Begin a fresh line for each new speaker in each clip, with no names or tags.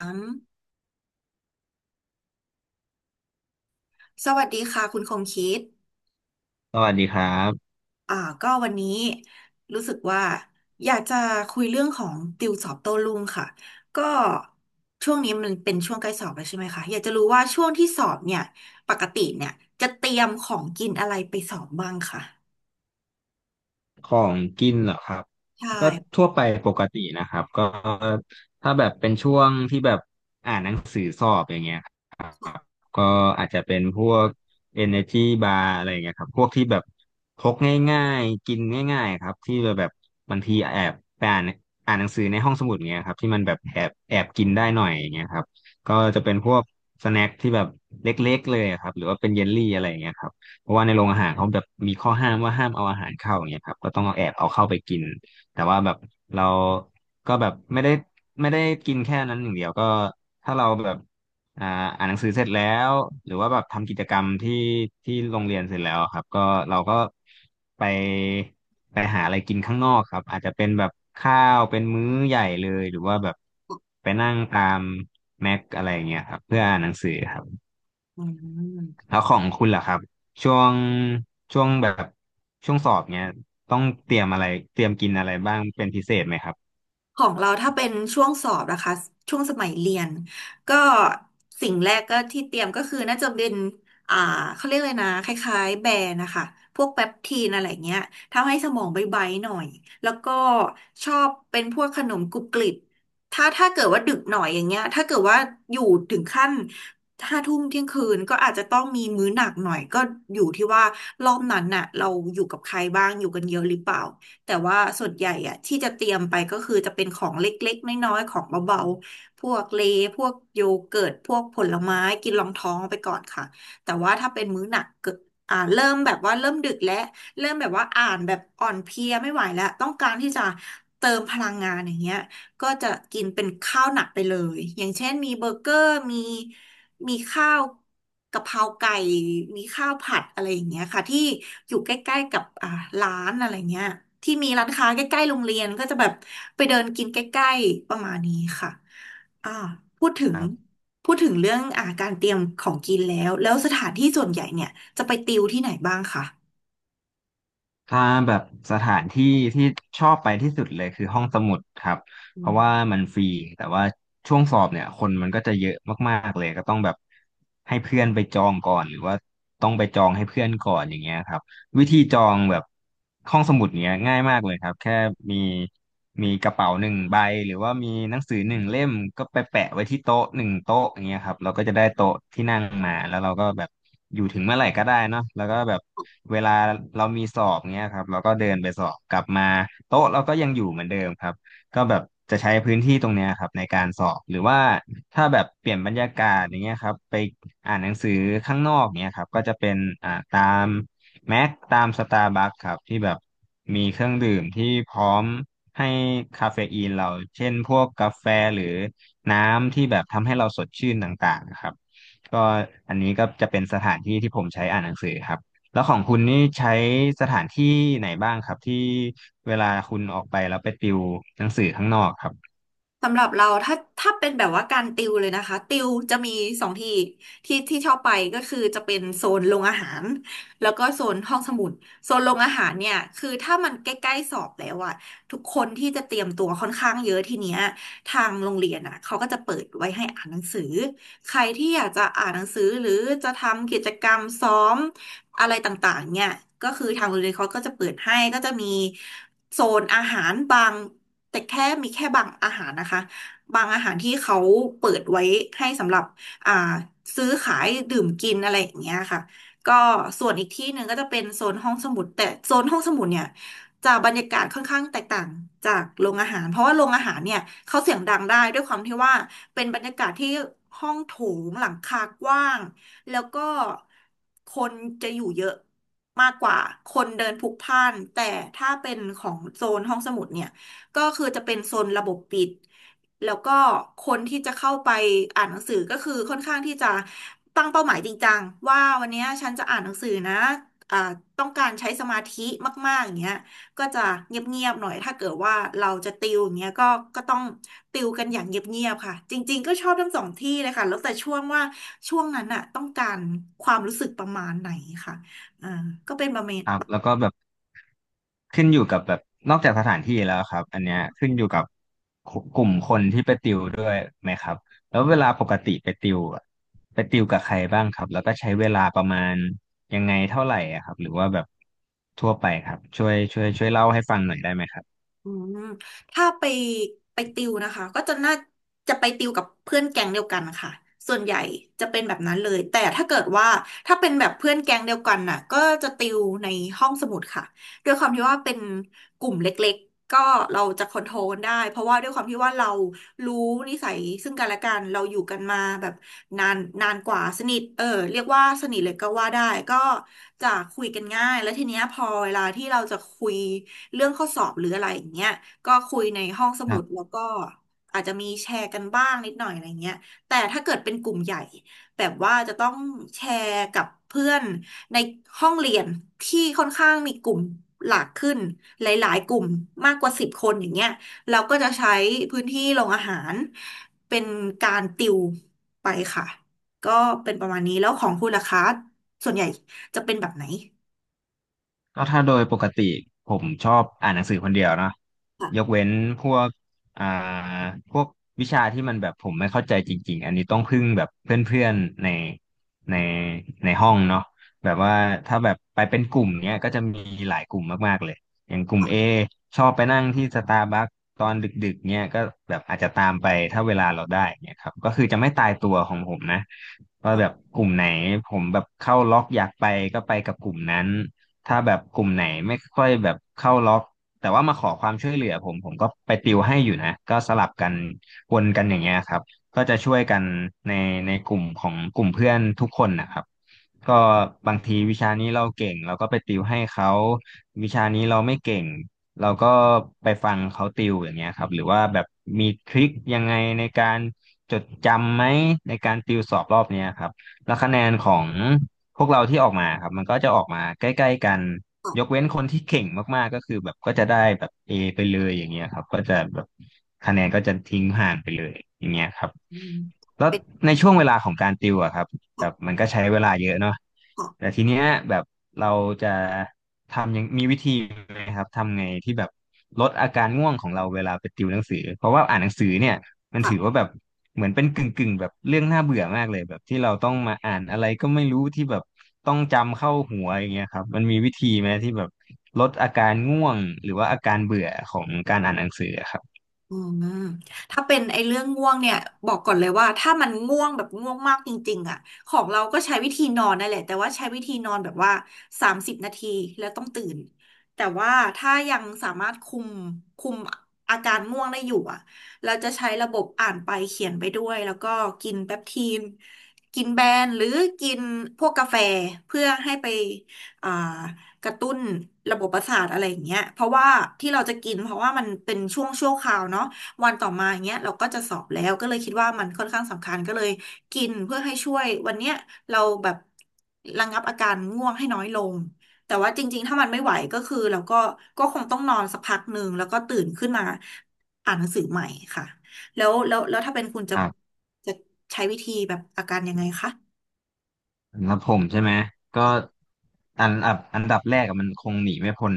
อืมสวัสดีค่ะคุณคงคิด
สวัสดีครับ
อ่าก็วันนี้รู้สึกว่าอยากจะคุยเรื่องของติวสอบโต้รุ่งค่ะ ก็ช่วงนี้มันเป็นช่วงใกล้สอบแล้วใช่ไหมคะ อยากจะรู้ว่าช่วงที่สอบเนี่ยปกติเนี่ยจะเตรียมของกินอะไรไปสอบบ้างค่ะ
ของกินเหรอครับ
ใช่
ก็ทั่วไปปกตินะครับก็ถ้าแบบเป็นช่วงที่แบบอ่านหนังสือสอบอย่างเงี้ยครับก็อาจจะเป็นพวก Energy Bar อะไรอย่างเงี้ยครับพวกที่แบบพกง่ายๆกินง่ายๆครับที่แบบบางทีแอบไปอ่านหนังสือในห้องสมุดเงี้ยครับที่มันแบบแอบกินได้หน่อยอย่างเงี้ยครับก็จะเป็นพวกสแน็คที่แบบเล็กๆเลยอะครับหรือว่าเป็นเยลลี่อะไรอย่างเงี้ยครับ เพราะว่าในโรงอาหารเขาแบบมีข้อห้ามว่าห้ามเอาอาหารเข้าอย่างเงี้ยครับก็ต้องเอาแอบเอาเข้าไปกินแต่ว่าแบบเราก็แบบไม่ได้กินแค่นั้นอย่างเดียวก็ถ้าเราแบบอ่าอ่านหนังสือเสร็จแล้วหรือว่าแบบทำกิจกรรมที่โรงเรียนเสร็จแล้วครับก็เราก็ไปไปหาอะไรกินข้างนอกครับอาจจะเป็นแบบข้าวเป็นมื้อใหญ่เลยหรือว่าแบบไปนั่งตามแม็กอะไรอย่างเงี้ยครับเพื่ออ่านหนังสือครับ
อืม
แล้วของคุณล่ะครับช่วงช่วงแบบช่วงสอบเนี้ยต้องเตรียมอะไรเตรียมกินอะไรบ้างเป็นพิเศษไหมครับ
ของเราถ้าเป็นช่วงสอบนะคะช่วงสมัยเรียนก็สิ่งแรกก็ที่เตรียมก็คือน่าจะเป็นอ่าเขาเรียกเลยนะคล้ายๆแบรนด์นะคะพวกแปปทีนอะไรเงี้ยทำให้สมองใบๆหน่อยแล้วก็ชอบเป็นพวกขนมกรุบกริบถ้าเกิดว่าดึกหน่อยอย่างเงี้ยถ้าเกิดว่าอยู่ถึงขั้นห้าทุ่มเที่ยงคืนก็อาจจะต้องมีมื้อหนักหน่อยก็อยู่ที่ว่ารอบนั้นน่ะเราอยู่กับใครบ้างอยู่กันเยอะหรือเปล่า แต่ว่าส่วนใหญ่อะที่จะเตรียมไปก็คือจะเป็นของเล็กๆน้อยๆของเบาๆพวกเลย์พวกโยเกิร์ตพวกผลไม้กินรองท้องไปก่อนค่ะแต่ว่าถ้าเป็นมื้อหนักเกิดเริ่มแบบว่าเริ่มดึกแล้วเริ่มแบบว่าอ่านแบบอ่อนเพลียไม่ไหวแล้วต้องการที่จะเติมพลังงานอย่างเงี้ย ก็จะกินเป็นข้าวหนักไปเลยอย่างเช่นมีเบอร์เกอร์มีข้าวกะเพราไก่มีข้าวผัดอะไรอย่างเงี้ยค่ะที่อยู่ใกล้ๆกับร้านอะไรเงี้ยที่มีร้านค้าใกล้ๆโรงเรียนก็จะแบบไปเดินกินใกล้ๆประมาณนี้ค่ะอ่าพูดถึ
ค
ง
รับ
พูดถึงเรื่องการเตรียมของกินแล้วแล้วสถานที่ส่วนใหญ่เนี่ยจะไปติวที่ไหนบ้างคะ
ถ้าแบบสถานที่ที่ชอบไปที่สุดเลยคือห้องสมุดครับ
อื
เพราะ
ม
ว่ามันฟรีแต่ว่าช่วงสอบเนี่ยคนมันก็จะเยอะมากๆเลยก็ต้องแบบให้เพื่อนไปจองก่อนหรือว่าต้องไปจองให้เพื่อนก่อนอย่างเงี้ยครับ วิธีจองแบบห้องสมุดเนี้ยง่ายมากเลยครับแค่มีมีกระเป๋าหนึ่งใบหรือว่ามีหนังสือหนึ่งเล่มก็ไปแปะไว้ที่โต๊ะหนึ่งโต๊ะอย่างเงี้ยครับเราก็จะได้โต๊ะที่นั่งมาแล้วเราก็แบบอยู่ถึงเมื่อไหร่ก็ได้เนาะแล้วก็แบบเวลาเรามีสอบเงี้ยครับเราก็เดินไปสอบกลับมาโต๊ะเราก็ยังอยู่เหมือนเดิมครับก็แบบจะใช้พื้นที่ตรงเนี้ยครับในการสอบหรือว่าถ้าแบบเปลี่ยนบรรยากาศอย่างเงี้ยครับไปอ่านหนังสือข้างนอกเนี้ยครับก็จะเป็นตาม แม็กตามสตาร์บัคครับที่แบบมีเครื่องดื่มที่พร้อมให้คาเฟอีนเราเช่นพวกกาแฟหรือน้ำที่แบบทำให้เราสดชื่นต่างๆนะครับก็อันนี้ก็จะเป็นสถานที่ที่ผมใช้อ่านหนังสือครับแล้วของคุณนี่ใช้สถานที่ไหนบ้างครับที่เวลาคุณออกไปแล้วไปติวหนังสือข้างนอกครับ
สำหรับเราถ้าเป็นแบบว่าการติวเลยนะคะติวจะมีสองที่ที่ที่ชอบไปก็คือจะเป็นโซนโรงอาหารแล้วก็โซนห้องสมุดโซนโรงอาหารเนี่ยคือถ้ามันใกล้ๆสอบแล้วอะทุกคนที่จะเตรียมตัวค่อนข้างเยอะทีเนี้ยทางโรงเรียนอะเขาก็จะเปิดไว้ให้อ่านหนังสือใครที่อยากจะอ่านหนังสือหรือจะทำกิจกรรมซ้อมอะไรต่างๆเนี่ยก็คือทางโรงเรียนเขาก็จะเปิดให้ก็จะมีโซนอาหารบาง แต่แค่มีแค่บางอาหารนะคะบางอาหารที่เขาเปิดไว้ให้สำหรับอ่าซื้อขายดื่มกินอะไรอย่างเงี้ยค่ะก็ส่วนอีกที่หนึ่งก็จะเป็นโซนห้องสมุดแต่โซนห้องสมุดเนี่ยจะบรรยากาศค่อนข้างแตกต่างจากโรงอาหารเพราะว่าโรงอาหารเนี่ยเขาเสียงดังได้ด้วยความที่ว่าเป็นบรรยากาศที่ห้องโถงหลังคากว้างแล้วก็คนจะอยู่เยอะมากกว่าคนเดินพลุกพล่านแต่ถ้าเป็นของโซนห้องสมุดเนี่ย ก็คือจะเป็นโซนระบบปิดแล้วก็คนที่จะเข้าไปอ่านหนังสือก็คือค่อนข้างที่จะตั้งเป้าหมายจริงจังว่าวันเนี้ยฉันจะอ่านหนังสือนะอ่าต้องการใช้สมาธิมากๆอย่างเงี้ยก็จะเงียบๆหน่อยถ้าเกิดว่าเราจะติวอย่างเงี้ยก็ต้องติวกันอย่างเงียบๆค่ะจริงๆก็ชอบทั้งสองที่เลยค่ะแล้วแต่ช่วงว่าช่วงนั้นน่ะต้องการความรู้สึกประมาณไหนค่ะอ่าก็เป็นประมาณ
ครับแล้วก็แบบขึ้นอยู่กับแบบนอกจากสถานที่แล้วครับอันเนี้ยขึ้นอยู่กับกลุ่มคนที่ไปติวด้วยไหมครับแล้วเวลาปกติไปติวอะไปติวกับใครบ้างครับแล้วก็ใช้เวลาประมาณยังไงเท่าไหร่อะครับหรือว่าแบบทั่วไปครับช่วยเล่าให้ฟังหน่อยได้ไหมครับ
อืมถ้าไปติวนะคะก็จะน่าจะไปติวกับเพื่อนแก๊งเดียวกันค่ะส่วนใหญ่จะเป็นแบบนั้นเลยแต่ถ้าเกิดว่าถ้าเป็นแบบเพื่อนแก๊งเดียวกันน่ะก็จะติวในห้องสมุดค่ะด้วยความที่ว่าเป็นกลุ่มเล็กๆก็เราจะคอนโทรลได้เพราะว่าด้วยความที่ว่าเรารู้นิสัยซึ่งกันและกันเราอยู่กันมาแบบ นานนานกว่าสนิทเออเรียกว่าสนิทเลยก็ว่าได้ก็จะคุยกันง่ายแล้วทีเนี้ยพอเวลาที่เราจะคุยเรื่องข้อสอบหรืออะไรอย่างเงี้ยก็คุยในห้องสมุดแล้วก็อาจจะมีแชร์กันบ้างนิดหน่อยอะไรเงี้ยแต่ถ้าเกิดเป็นกลุ่มใหญ่แบบว่าจะต้องแชร์กับเพื่อนในห้องเรียนที่ค่อนข้างมีกลุ่มหลากขึ้นหลายๆกลุ่มมากกว่า10 คนอย่างเงี้ย เราก็จะใช้พื้นที่โรงอาหารเป็นการติวไปค่ะก็เป็นประมาณนี้แล้วของคุณล่ะคะส่วนใหญ่จะเป็นแบบไหน
ก็ถ้าโดยปกติผมชอบอ่านหนังสือคนเดียวเนอะ
ค่ะ
ยกเว้นพวกอ่าพวกวิชาที่มันแบบผมไม่เข้าใจจริงๆอันนี้ต้องพึ่งแบบเพื่อนๆในในห้องเนาะแบบว่าถ้าแบบไปเป็นกลุ่มเนี้ยก็จะมีหลายกลุ่มมากๆเลยอย่างกลุ่ม A ชอบไปนั่งที่สตาร์บัคตอนดึกๆเนี้ยก็แบบอาจจะตามไปถ้าเวลาเราได้เนี้ยครับก็คือจะไม่ตายตัวของผมนะ
ข
ว่าแบบ
อ
กลุ่มไหนผมแบบเข้าล็อกอยากไปก็ไปกับกลุ่มนั้น ถ้าแบบกลุ่มไหนไม่ค่อยแบบเข้าล็อกแต่ว่ามาขอความช่วยเหลือผมก็ไปติวให้อยู่นะก็สลับกันวนกันอย่างเงี้ยครับก็จะช่วยกันในในกลุ่มของกลุ่มเพื่อนทุกคนนะครับก็บางทีวิชานี้เราเก่งเราก็ไปติวให้เขาวิชานี้เราไม่เก่งเราก็ไปฟังเขาติวอย่างเงี้ยครับหรือว่าแบบมีทริคยังไงในการจดจำไหมในการติวสอบรอบเนี้ยครับแล้วคะแนนของ พวกเราที่ออกมาครับมันก็จะออกมาใกล้ๆกัน
ตอบ
ยกเว้นคนที่เก่งมากๆก็คือแบบก็จะได้แบบ A ไปเลยอย่างเงี้ยครับก็จะแบบคะแนนก็จะทิ้งห่างไปเลยอย่างเงี้ยครับ
อืม
แล้ว
เป็น
ในช่วงเวลาของการติวอะครับแบบมันก็ใช้เวลาเยอะเนาะ
ข
แต่ทีเนี้ยแบบเราจะทำยังมีวิธีไหมครับทำไงที่แบบลดอาการง่วงของเราเวลาไปติวหนังสือเพราะว่าอ่านหนังสือเนี่ยมันถือ
อ
ว่าแบบ เหมือนเป็นกึ่งแบบเรื่องน่าเบื่อมากเลยแบบที่เราต้องมาอ่านอะไรก็ไม่รู้ที่แบบต้องจำเข้าหัวอย่างเงี้ยครับมันมีวิธีไหมที่แบบลดอาการง่วงหรือว่าอาการเบื่อของการอ่านหนังสืออะครับ
อืมถ้าเป็นไอ้เรื่องง่วงเนี่ยบอกก่อนเลยว่าถ้ามันง่วงแบบง่วงมากจริงๆอ่ะของเราก็ใช้วิธีนอนนั่นแหละแต่ว่าใช้วิธีนอนแบบว่า30 นาทีแล้วต้องตื่นแต่ว่าถ้ายังสามารถคุมอาการง่วงได้อยู่อ่ะเราจะใช้ระบบอ่านไปเขียนไปด้วยแล้วก็กินแปปทีนกินแบนหรือกินพวกกาแฟเพื่อให้ไปอ่า กระตุ้นระบบประสาทอะไรอย่างเงี้ยเพราะว่าที่เราจะกินเพราะว่ามันเป็นช่วงชั่วคราวเนาะวันต่อมาอย่างเงี้ยเราก็จะสอบแล้วก็เลยคิดว่ามันค่อนข้างสำคัญก็เลยกินเพื่อให้ช่วยวันเนี้ยเราแบบระงับอาการง่วงให้น้อยลงแต่ว่าจริงๆถ้ามันไม่ไหวก็คือเราก็ก็คงต้องนอนสักพักหนึ่งแล้วก็ตื่นขึ้นมาอ่านหนังสือใหม่ค่ะแล้วถ้าเป็นคุณจะ
ครับ
จะใช้วิธีแบบอาการยังไงคะ
สำหรับผมใช่ไหมก็อันอันดับแรกอะมันคงหนีไม่พ้น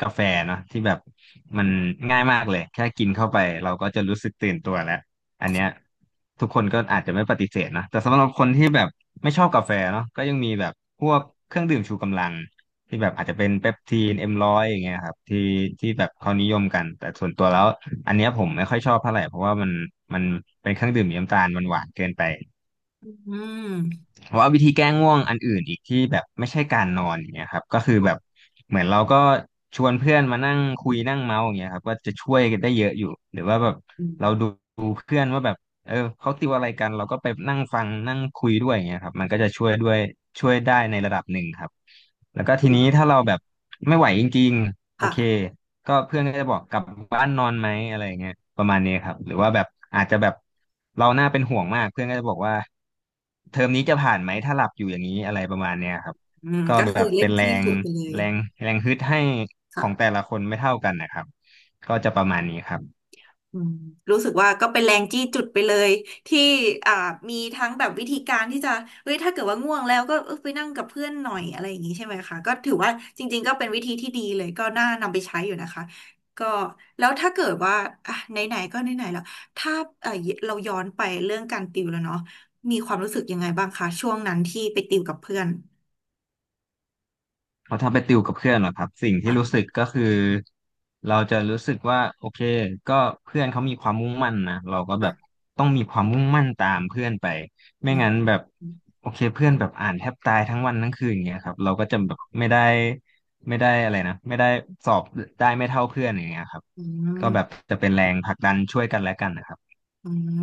กาแฟเนาะที่แบบมันง่ายมากเลยแค่กินเข้าไปเราก็จะรู้สึกตื่นตัวแล้วอันเนี้ยทุกคนก็อาจจะไม่ปฏิเสธนะแต่สำหรับคนที่แบบไม่ชอบกาแฟเนาะก็ยังมีแบบพวกเครื่องดื่มชูกำลังที่แบบอาจจะเป็นเปปทีนเอ็มร้อยอย่างเงี้ยครับที่แบบเขานิยมกันแต่ส่วนตัวแล้วอันเนี้ยผมไม่ค่อยชอบเท่าไหร่เพราะว่ามันเป็นเครื่องดื่มมีน้ำตาลมันหวานเกินไป
อืม
แต่ว่าวิธีแก้ง่วงอันอื่นอีกที่แบบไม่ใช่การนอนอย่างเงี้ยครับก็คือแบบเหมือนเราก็ชวนเพื่อนมานั่งคุยนั่งเมาส์อย่างเงี้ยครับก็จะช่วยกันได้เยอะอยู่หรือว่าแบบ
อื
เราดู
ม
เพื่อนว่าแบบเออเขาติวอะไรกันเราก็ไปนั่งฟังนั่งคุยด้วยอย่างเงี้ยครับมันก็จะช่วยได้ในระดับหนึ่งครับแล้วก็ทีนี้ถ้าเราแบบไม่ไหวจริงๆโอเค
ค่ะ
ก็เพื่อนก็จะบอกกลับบ้านนอนไหมอะไรอย่างเงี้ยประมาณนี้ครับหรือว่าแบบอาจจะแบบเราน่าเป็นห่วงมากเพื่อนก็จะบอกว่าเทอมนี้จะผ่านไหมถ้าหลับอยู่อย่างนี้อะไรประมาณเนี้ยครับ
อืม
ก็
ก็
แบ
คือ
บ
เล่
เป็
น
นแร
จี้
ง
จุดไปเลย
แรงแรงฮึดให้ของแต่
ค่ะ
ละคนไม่เท่ากันนะครับก็จะประมาณนี้ครับ
อืมรู้สึกว่าก็เป็นแรงจี้จุดไปเลยที่อ่ามีทั้งแบบวิธีการที่จะเฮ้ยถ้าเกิดว่าง่วงแล้วก็เออไปนั่งกับเพื่อนหน่อยอะไรอย่างนี้ใช่ไหมคะก็ถือว่าจริงๆก็เป็นวิธีที่ดีเลยก็น่านำไปใช้อยู่นะคะก็แล้วถ้าเกิดว่าอ่ะไหนๆก็ไหนๆแล้วถ้าเออเราย้อนไปเรื่องการติวแล้วเนาะมีความรู้สึกยังไงบ้างคะช่วงนั้นที่ไปติวกับเพื่อน
เพราะถ้าไปติวกับเพื่อนเหรอครับสิ่งที่รู้สึ
ค่ะ
กก็คือเราจะรู้สึกว่าโอเคก็เพื่อนเขามีความมุ่งมั่นนะเราก็แบบ
ค่ะ
ต้องมีความมุ่งมั่นตามเพื่อนไปไม่
อื
งั้น
ม
แบบโอเคเพื่อนแบบอ่านแทบตายทั้งวันทั้งคืนอย่างเงี้ยครับเราก็จะแบบไม่ได้สอบได้ไม่เท่าเพื่อนอย่างเงี้ยครับ
อื
ก็แบบ
ม
จะเป็นแรงผลักดันช่วยกันและกันนะครับ
อืม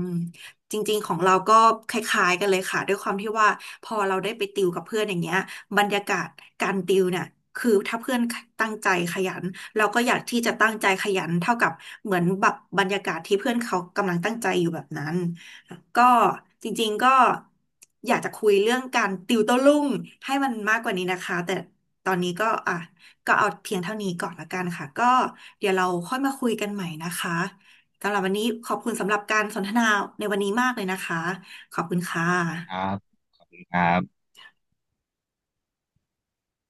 จริงๆของเราก็คล้ายๆกันเลยค่ะด้วยความที่ว่าพอเราได้ไปติวกับเพื่อนอย่างเงี้ยบรรยากาศการติวเนี่ยคือถ้าเพื่อนตั้งใจขยันเราก็อยากที่จะตั้งใจขยันเท่ากับเหมือนแบบบรรยากาศที่เพื่อนเขากำลังตั้งใจอยู่แบบนั้นก็จริงๆก็อยากจะคุยเรื่องการติวโต้รุ่งให้มันมากกว่านี้นะคะแต่ตอนนี้ก็อ่ะก็เอาเพียงเท่านี้ก่อนละกันค่ะก็เดี๋ยวเราค่อยมาคุยกันใหม่นะคะ สำหรับวันนี้ขอบคุณสำหรับการสนทนาในวันนี้มากเลยนะคะขอบคุณค่
ครั
ะ
บ